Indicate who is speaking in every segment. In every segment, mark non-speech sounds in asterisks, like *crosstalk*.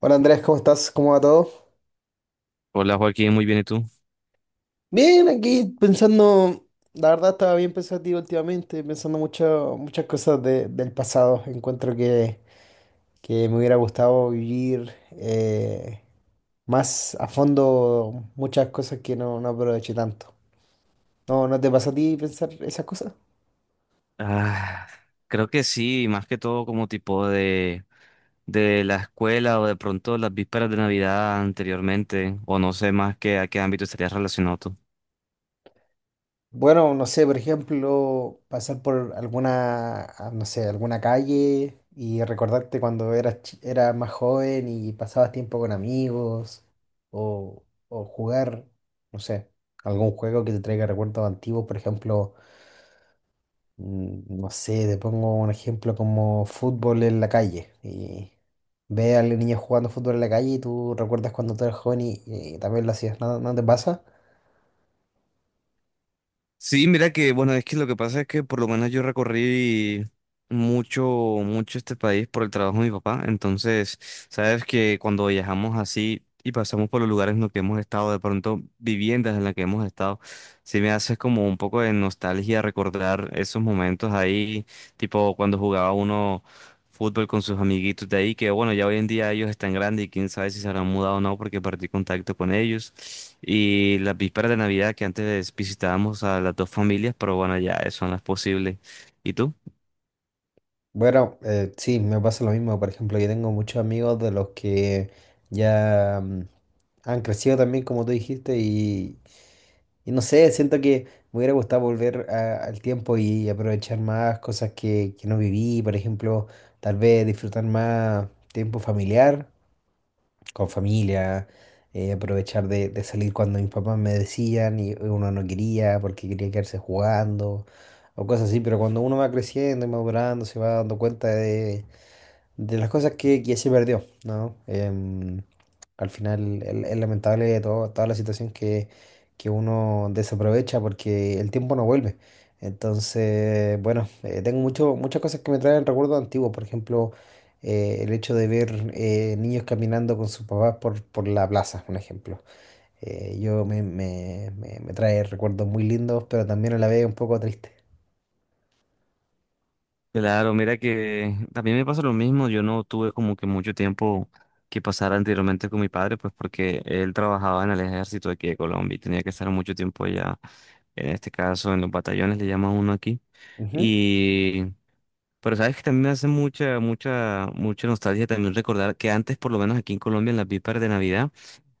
Speaker 1: Hola Andrés, ¿cómo estás? ¿Cómo va todo?
Speaker 2: Hola Joaquín, muy bien, ¿y tú?
Speaker 1: Bien, aquí pensando, la verdad estaba bien pensativo últimamente, pensando mucho, muchas cosas del pasado. Encuentro que me hubiera gustado vivir más a fondo muchas cosas que no aproveché tanto. ¿No te pasa a ti pensar esas cosas?
Speaker 2: Ah, creo que sí, más que todo como tipo de la escuela o de pronto las vísperas de Navidad anteriormente, o no sé más que a qué ámbito estarías relacionado tú.
Speaker 1: Bueno, no sé, por ejemplo, pasar por alguna, no sé, alguna calle y recordarte cuando eras más joven y pasabas tiempo con amigos o, o jugar, no sé, algún juego que te traiga recuerdos antiguos, por ejemplo, no sé, te pongo un ejemplo como fútbol en la calle y ve a los niños jugando fútbol en la calle y tú recuerdas cuando tú eras joven y también lo hacías, ¿no te pasa?
Speaker 2: Sí, mira que, bueno, es que lo que pasa es que por lo menos yo recorrí mucho, mucho este país por el trabajo de mi papá. Entonces, sabes que cuando viajamos así y pasamos por los lugares en los que hemos estado, de pronto viviendas en las que hemos estado, sí me hace como un poco de nostalgia recordar esos momentos ahí, tipo cuando jugaba uno fútbol con sus amiguitos de ahí, que bueno, ya hoy en día ellos están grandes y quién sabe si se habrán mudado o no porque perdí contacto con ellos. Y las vísperas de Navidad que antes visitábamos a las dos familias, pero bueno, ya eso no es posible. ¿Y tú?
Speaker 1: Bueno, sí, me pasa lo mismo. Por ejemplo, yo tengo muchos amigos de los que ya han crecido también, como tú dijiste, y no sé, siento que me hubiera gustado volver al tiempo y aprovechar más cosas que, no viví. Por ejemplo, tal vez disfrutar más tiempo familiar, con familia, aprovechar de salir cuando mis papás me decían y uno no quería porque quería quedarse jugando o cosas así, pero cuando uno va creciendo y madurando, se va dando cuenta de, las cosas que se perdió, ¿no? Al final es lamentable toda la situación que uno desaprovecha porque el tiempo no vuelve. Entonces, bueno, tengo muchas cosas que me traen recuerdos antiguos. Por ejemplo, el hecho de ver niños caminando con sus papás por la plaza, un ejemplo. Yo me trae recuerdos muy lindos, pero también a la vez un poco triste.
Speaker 2: Claro, mira que también me pasa lo mismo, yo no tuve como que mucho tiempo que pasar anteriormente con mi padre, pues porque él trabajaba en el ejército aquí de Colombia y tenía que estar mucho tiempo allá, en este caso en los batallones le llaman uno aquí.
Speaker 1: Ujú.
Speaker 2: y Pero sabes que también me hace mucha, mucha, mucha nostalgia también recordar que antes, por lo menos aquí en Colombia, en las vísperas de Navidad,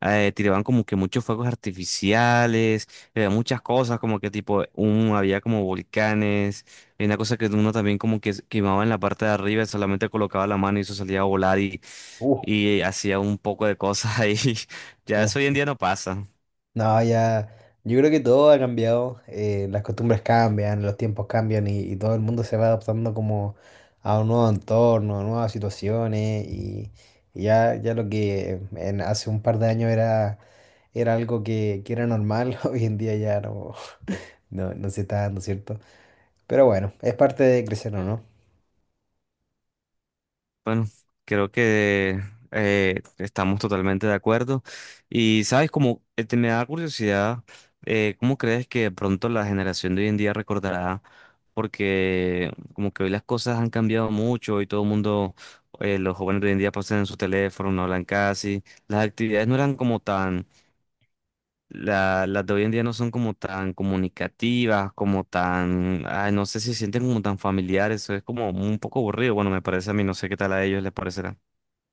Speaker 2: tiraban como que muchos fuegos artificiales, muchas cosas, como que tipo, había como volcanes, y una cosa que uno también como que quemaba en la parte de arriba, solamente colocaba la mano y eso salía a volar
Speaker 1: Uh,
Speaker 2: y hacía un poco de cosas ahí. *laughs* Ya
Speaker 1: no.
Speaker 2: eso hoy en día no pasa.
Speaker 1: No, ya, yo creo que todo ha cambiado, las costumbres cambian, los tiempos cambian y todo el mundo se va adaptando como a un nuevo entorno, a nuevas situaciones y ya, lo que hace un par de años era, algo que era normal, *laughs* hoy en día ya no se está dando, ¿cierto? Pero bueno, es parte de crecer, ¿o no?
Speaker 2: Bueno, creo que estamos totalmente de acuerdo. Y sabes, como te me da curiosidad, ¿cómo crees que de pronto la generación de hoy en día recordará? Porque como que hoy las cosas han cambiado mucho y todo el mundo, los jóvenes de hoy en día pasan en su teléfono, no hablan casi. Las actividades no eran como tan, las de hoy en día no son como tan comunicativas, como tan, ay, no sé si se sienten como tan familiares. Eso es como un poco aburrido. Bueno, me parece a mí, no sé qué tal a ellos les parecerá.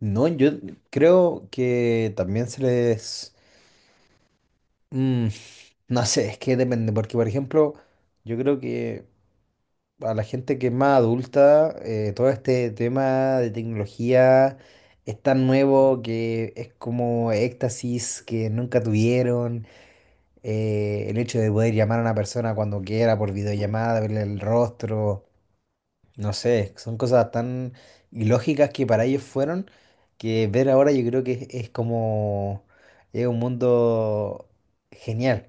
Speaker 1: No, yo creo que también mm, no sé, es que depende, porque por ejemplo, yo creo que a la gente que es más adulta, todo este tema de tecnología es tan nuevo que es como éxtasis que nunca tuvieron. El hecho de poder llamar a una persona cuando quiera por videollamada, verle el rostro, no sé, son cosas tan ilógicas que para ellos fueron, que ver ahora yo creo que es, como, es un mundo genial.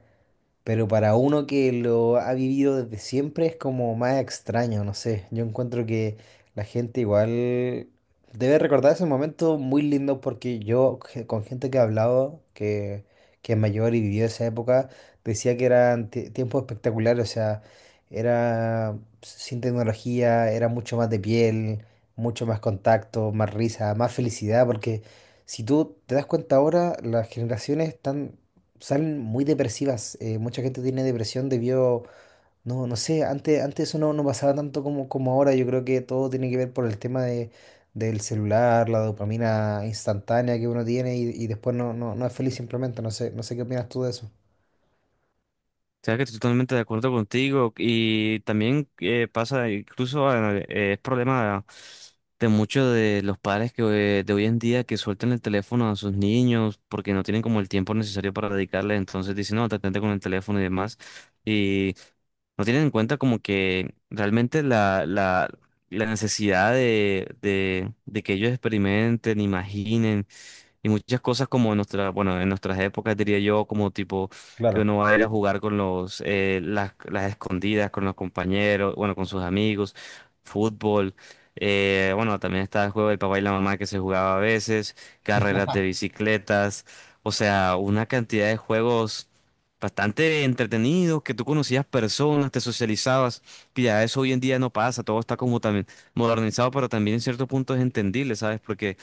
Speaker 1: Pero para uno que lo ha vivido desde siempre es como más extraño, no sé. Yo encuentro que la gente igual debe recordar esos momentos muy lindos porque con gente que he hablado, que es mayor y vivió esa época, decía que eran tiempos espectaculares, o sea, era sin tecnología, era mucho más de piel, mucho más contacto, más risa, más felicidad, porque si tú te das cuenta ahora, las generaciones están salen muy depresivas. Mucha gente tiene depresión debido, no, no sé, antes eso no pasaba tanto como ahora. Yo creo que todo tiene que ver por el tema del celular, la dopamina instantánea que uno tiene y después no es feliz simplemente. No sé, no sé qué opinas tú de eso.
Speaker 2: O sea que estoy totalmente de acuerdo contigo y también pasa, incluso es problema de muchos de los padres que de hoy en día que sueltan el teléfono a sus niños porque no tienen como el tiempo necesario para dedicarle, entonces dicen, no, te atente con el teléfono y demás. Y no tienen en cuenta como que realmente la necesidad de, de que ellos experimenten, imaginen y muchas cosas como en nuestra, bueno, en nuestras épocas diría yo, como tipo que
Speaker 1: Claro.
Speaker 2: uno va a ir a jugar con los, las escondidas, con los compañeros, bueno, con sus amigos, fútbol. Bueno, también estaba el juego del papá y la mamá que se jugaba a veces, carreras de bicicletas, o sea, una cantidad de juegos bastante entretenidos, que tú conocías personas, te socializabas, que ya eso hoy en día no pasa, todo está como también modernizado, pero también en cierto punto es entendible, ¿sabes? Porque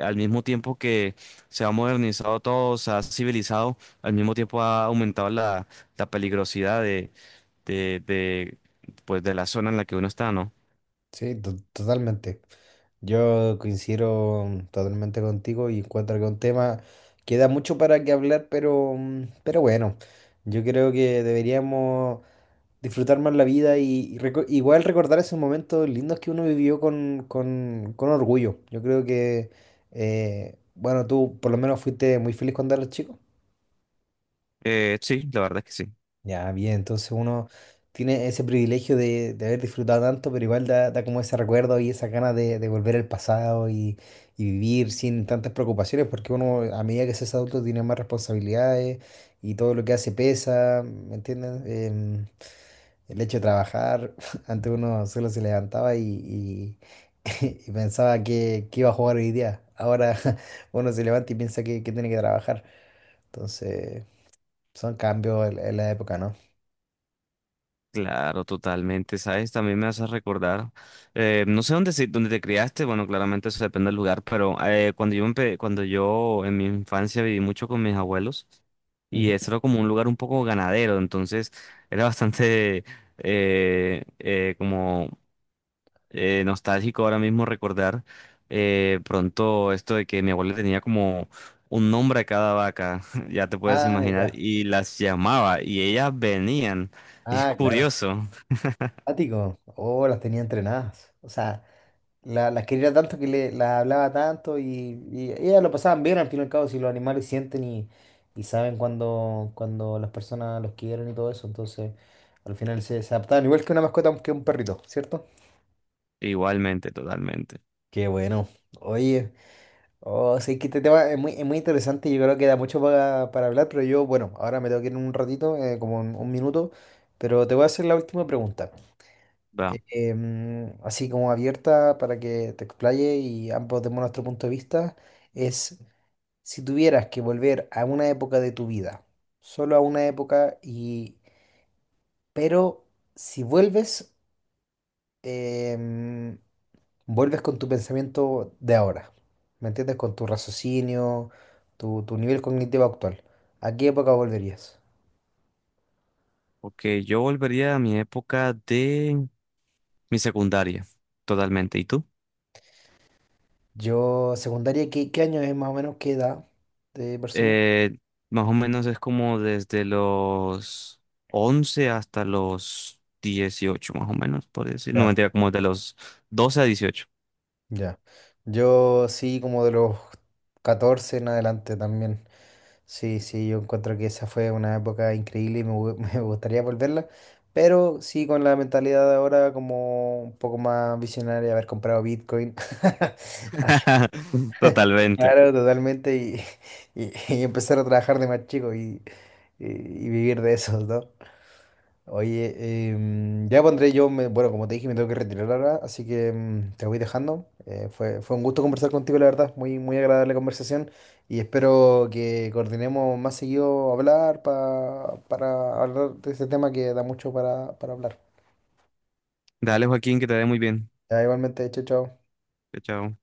Speaker 2: al mismo tiempo que se ha modernizado todo, se ha civilizado, al mismo tiempo ha aumentado la peligrosidad de, de, pues de la zona en la que uno está, ¿no?
Speaker 1: Sí, totalmente. Yo coincido totalmente contigo y encuentro que un tema queda mucho para que hablar, pero bueno, yo creo que deberíamos disfrutar más la vida y igual recordar esos momentos lindos que uno vivió con orgullo. Yo creo que, bueno, tú por lo menos fuiste muy feliz cuando eras chico.
Speaker 2: Sí, la verdad es que sí.
Speaker 1: Ya, bien, entonces uno tiene ese privilegio de, haber disfrutado tanto, pero igual da como ese recuerdo y esa ganas de volver al pasado y vivir sin tantas preocupaciones, porque uno a medida que se es adulto tiene más responsabilidades y todo lo que hace pesa, ¿me entiendes? El hecho de trabajar, *laughs* antes uno solo se levantaba *laughs* y pensaba que, iba a jugar hoy día. Ahora *laughs* uno se levanta y piensa que tiene que trabajar. Entonces, son cambios en la época, ¿no?
Speaker 2: Claro, totalmente, ¿sabes? También me hace recordar, no sé dónde, dónde te criaste, bueno, claramente eso depende del lugar, pero cuando yo en mi infancia viví mucho con mis abuelos y
Speaker 1: Ujú.
Speaker 2: eso era como un lugar un poco ganadero, entonces era bastante como nostálgico ahora mismo recordar pronto esto de que mi abuela tenía como un nombre a cada vaca, *laughs* ya te puedes
Speaker 1: Ah,
Speaker 2: imaginar,
Speaker 1: ya.
Speaker 2: y las llamaba y ellas venían. Es
Speaker 1: Ah, claro.
Speaker 2: curioso.
Speaker 1: Ático. Oh, las tenía entrenadas. O sea, las quería tanto que las hablaba tanto y ellas lo pasaban bien al fin y al cabo si los animales sienten y saben cuando las personas los quieren y todo eso, entonces al final se adaptaban igual que una mascota que un perrito, ¿cierto?
Speaker 2: Igualmente, totalmente.
Speaker 1: Qué bueno. Oye, oh, sí que este tema es muy interesante y yo creo que da mucho para hablar, pero yo, bueno, ahora me tengo que ir en un ratito, como en un minuto, pero te voy a hacer la última pregunta.
Speaker 2: Va.
Speaker 1: Así como abierta para que te explaye y ambos demos nuestro punto de vista, es si tuvieras que volver a una época de tu vida, solo a una época, pero si em, vuelves con tu pensamiento de ahora, ¿me entiendes? Con tu raciocinio, tu nivel cognitivo actual. ¿A qué época volverías?
Speaker 2: Ok, yo volvería a mi época de mi secundaria, totalmente. ¿Y tú?
Speaker 1: Yo, secundaria, ¿qué año es más o menos? ¿Qué edad de persona?
Speaker 2: Eh, Más o menos es como desde los 11 hasta los 18 más o menos, por decir. No,
Speaker 1: Ya.
Speaker 2: mentira, como de los 12 a 18.
Speaker 1: Ya. Yo sí, como de los 14 en adelante también. Sí, sí, yo encuentro que esa fue una época increíble y *laughs* me gustaría volverla. Pero sí, con la mentalidad de ahora como un poco más visionaria, haber comprado Bitcoin. *laughs*
Speaker 2: *laughs* Totalmente.
Speaker 1: Claro, totalmente. Y, *laughs* y empezar a trabajar de más chico y vivir de eso, ¿no? Oye, ya pondré yo, bueno, como te dije, me tengo que retirar ahora, así que te voy dejando. Fue un gusto conversar contigo, la verdad, muy, muy agradable conversación y espero que coordinemos más seguido hablar para hablar de este tema que da mucho para hablar.
Speaker 2: Dale, Joaquín, que te vaya muy bien.
Speaker 1: Ya, igualmente, chao, chao.
Speaker 2: Chao, chao.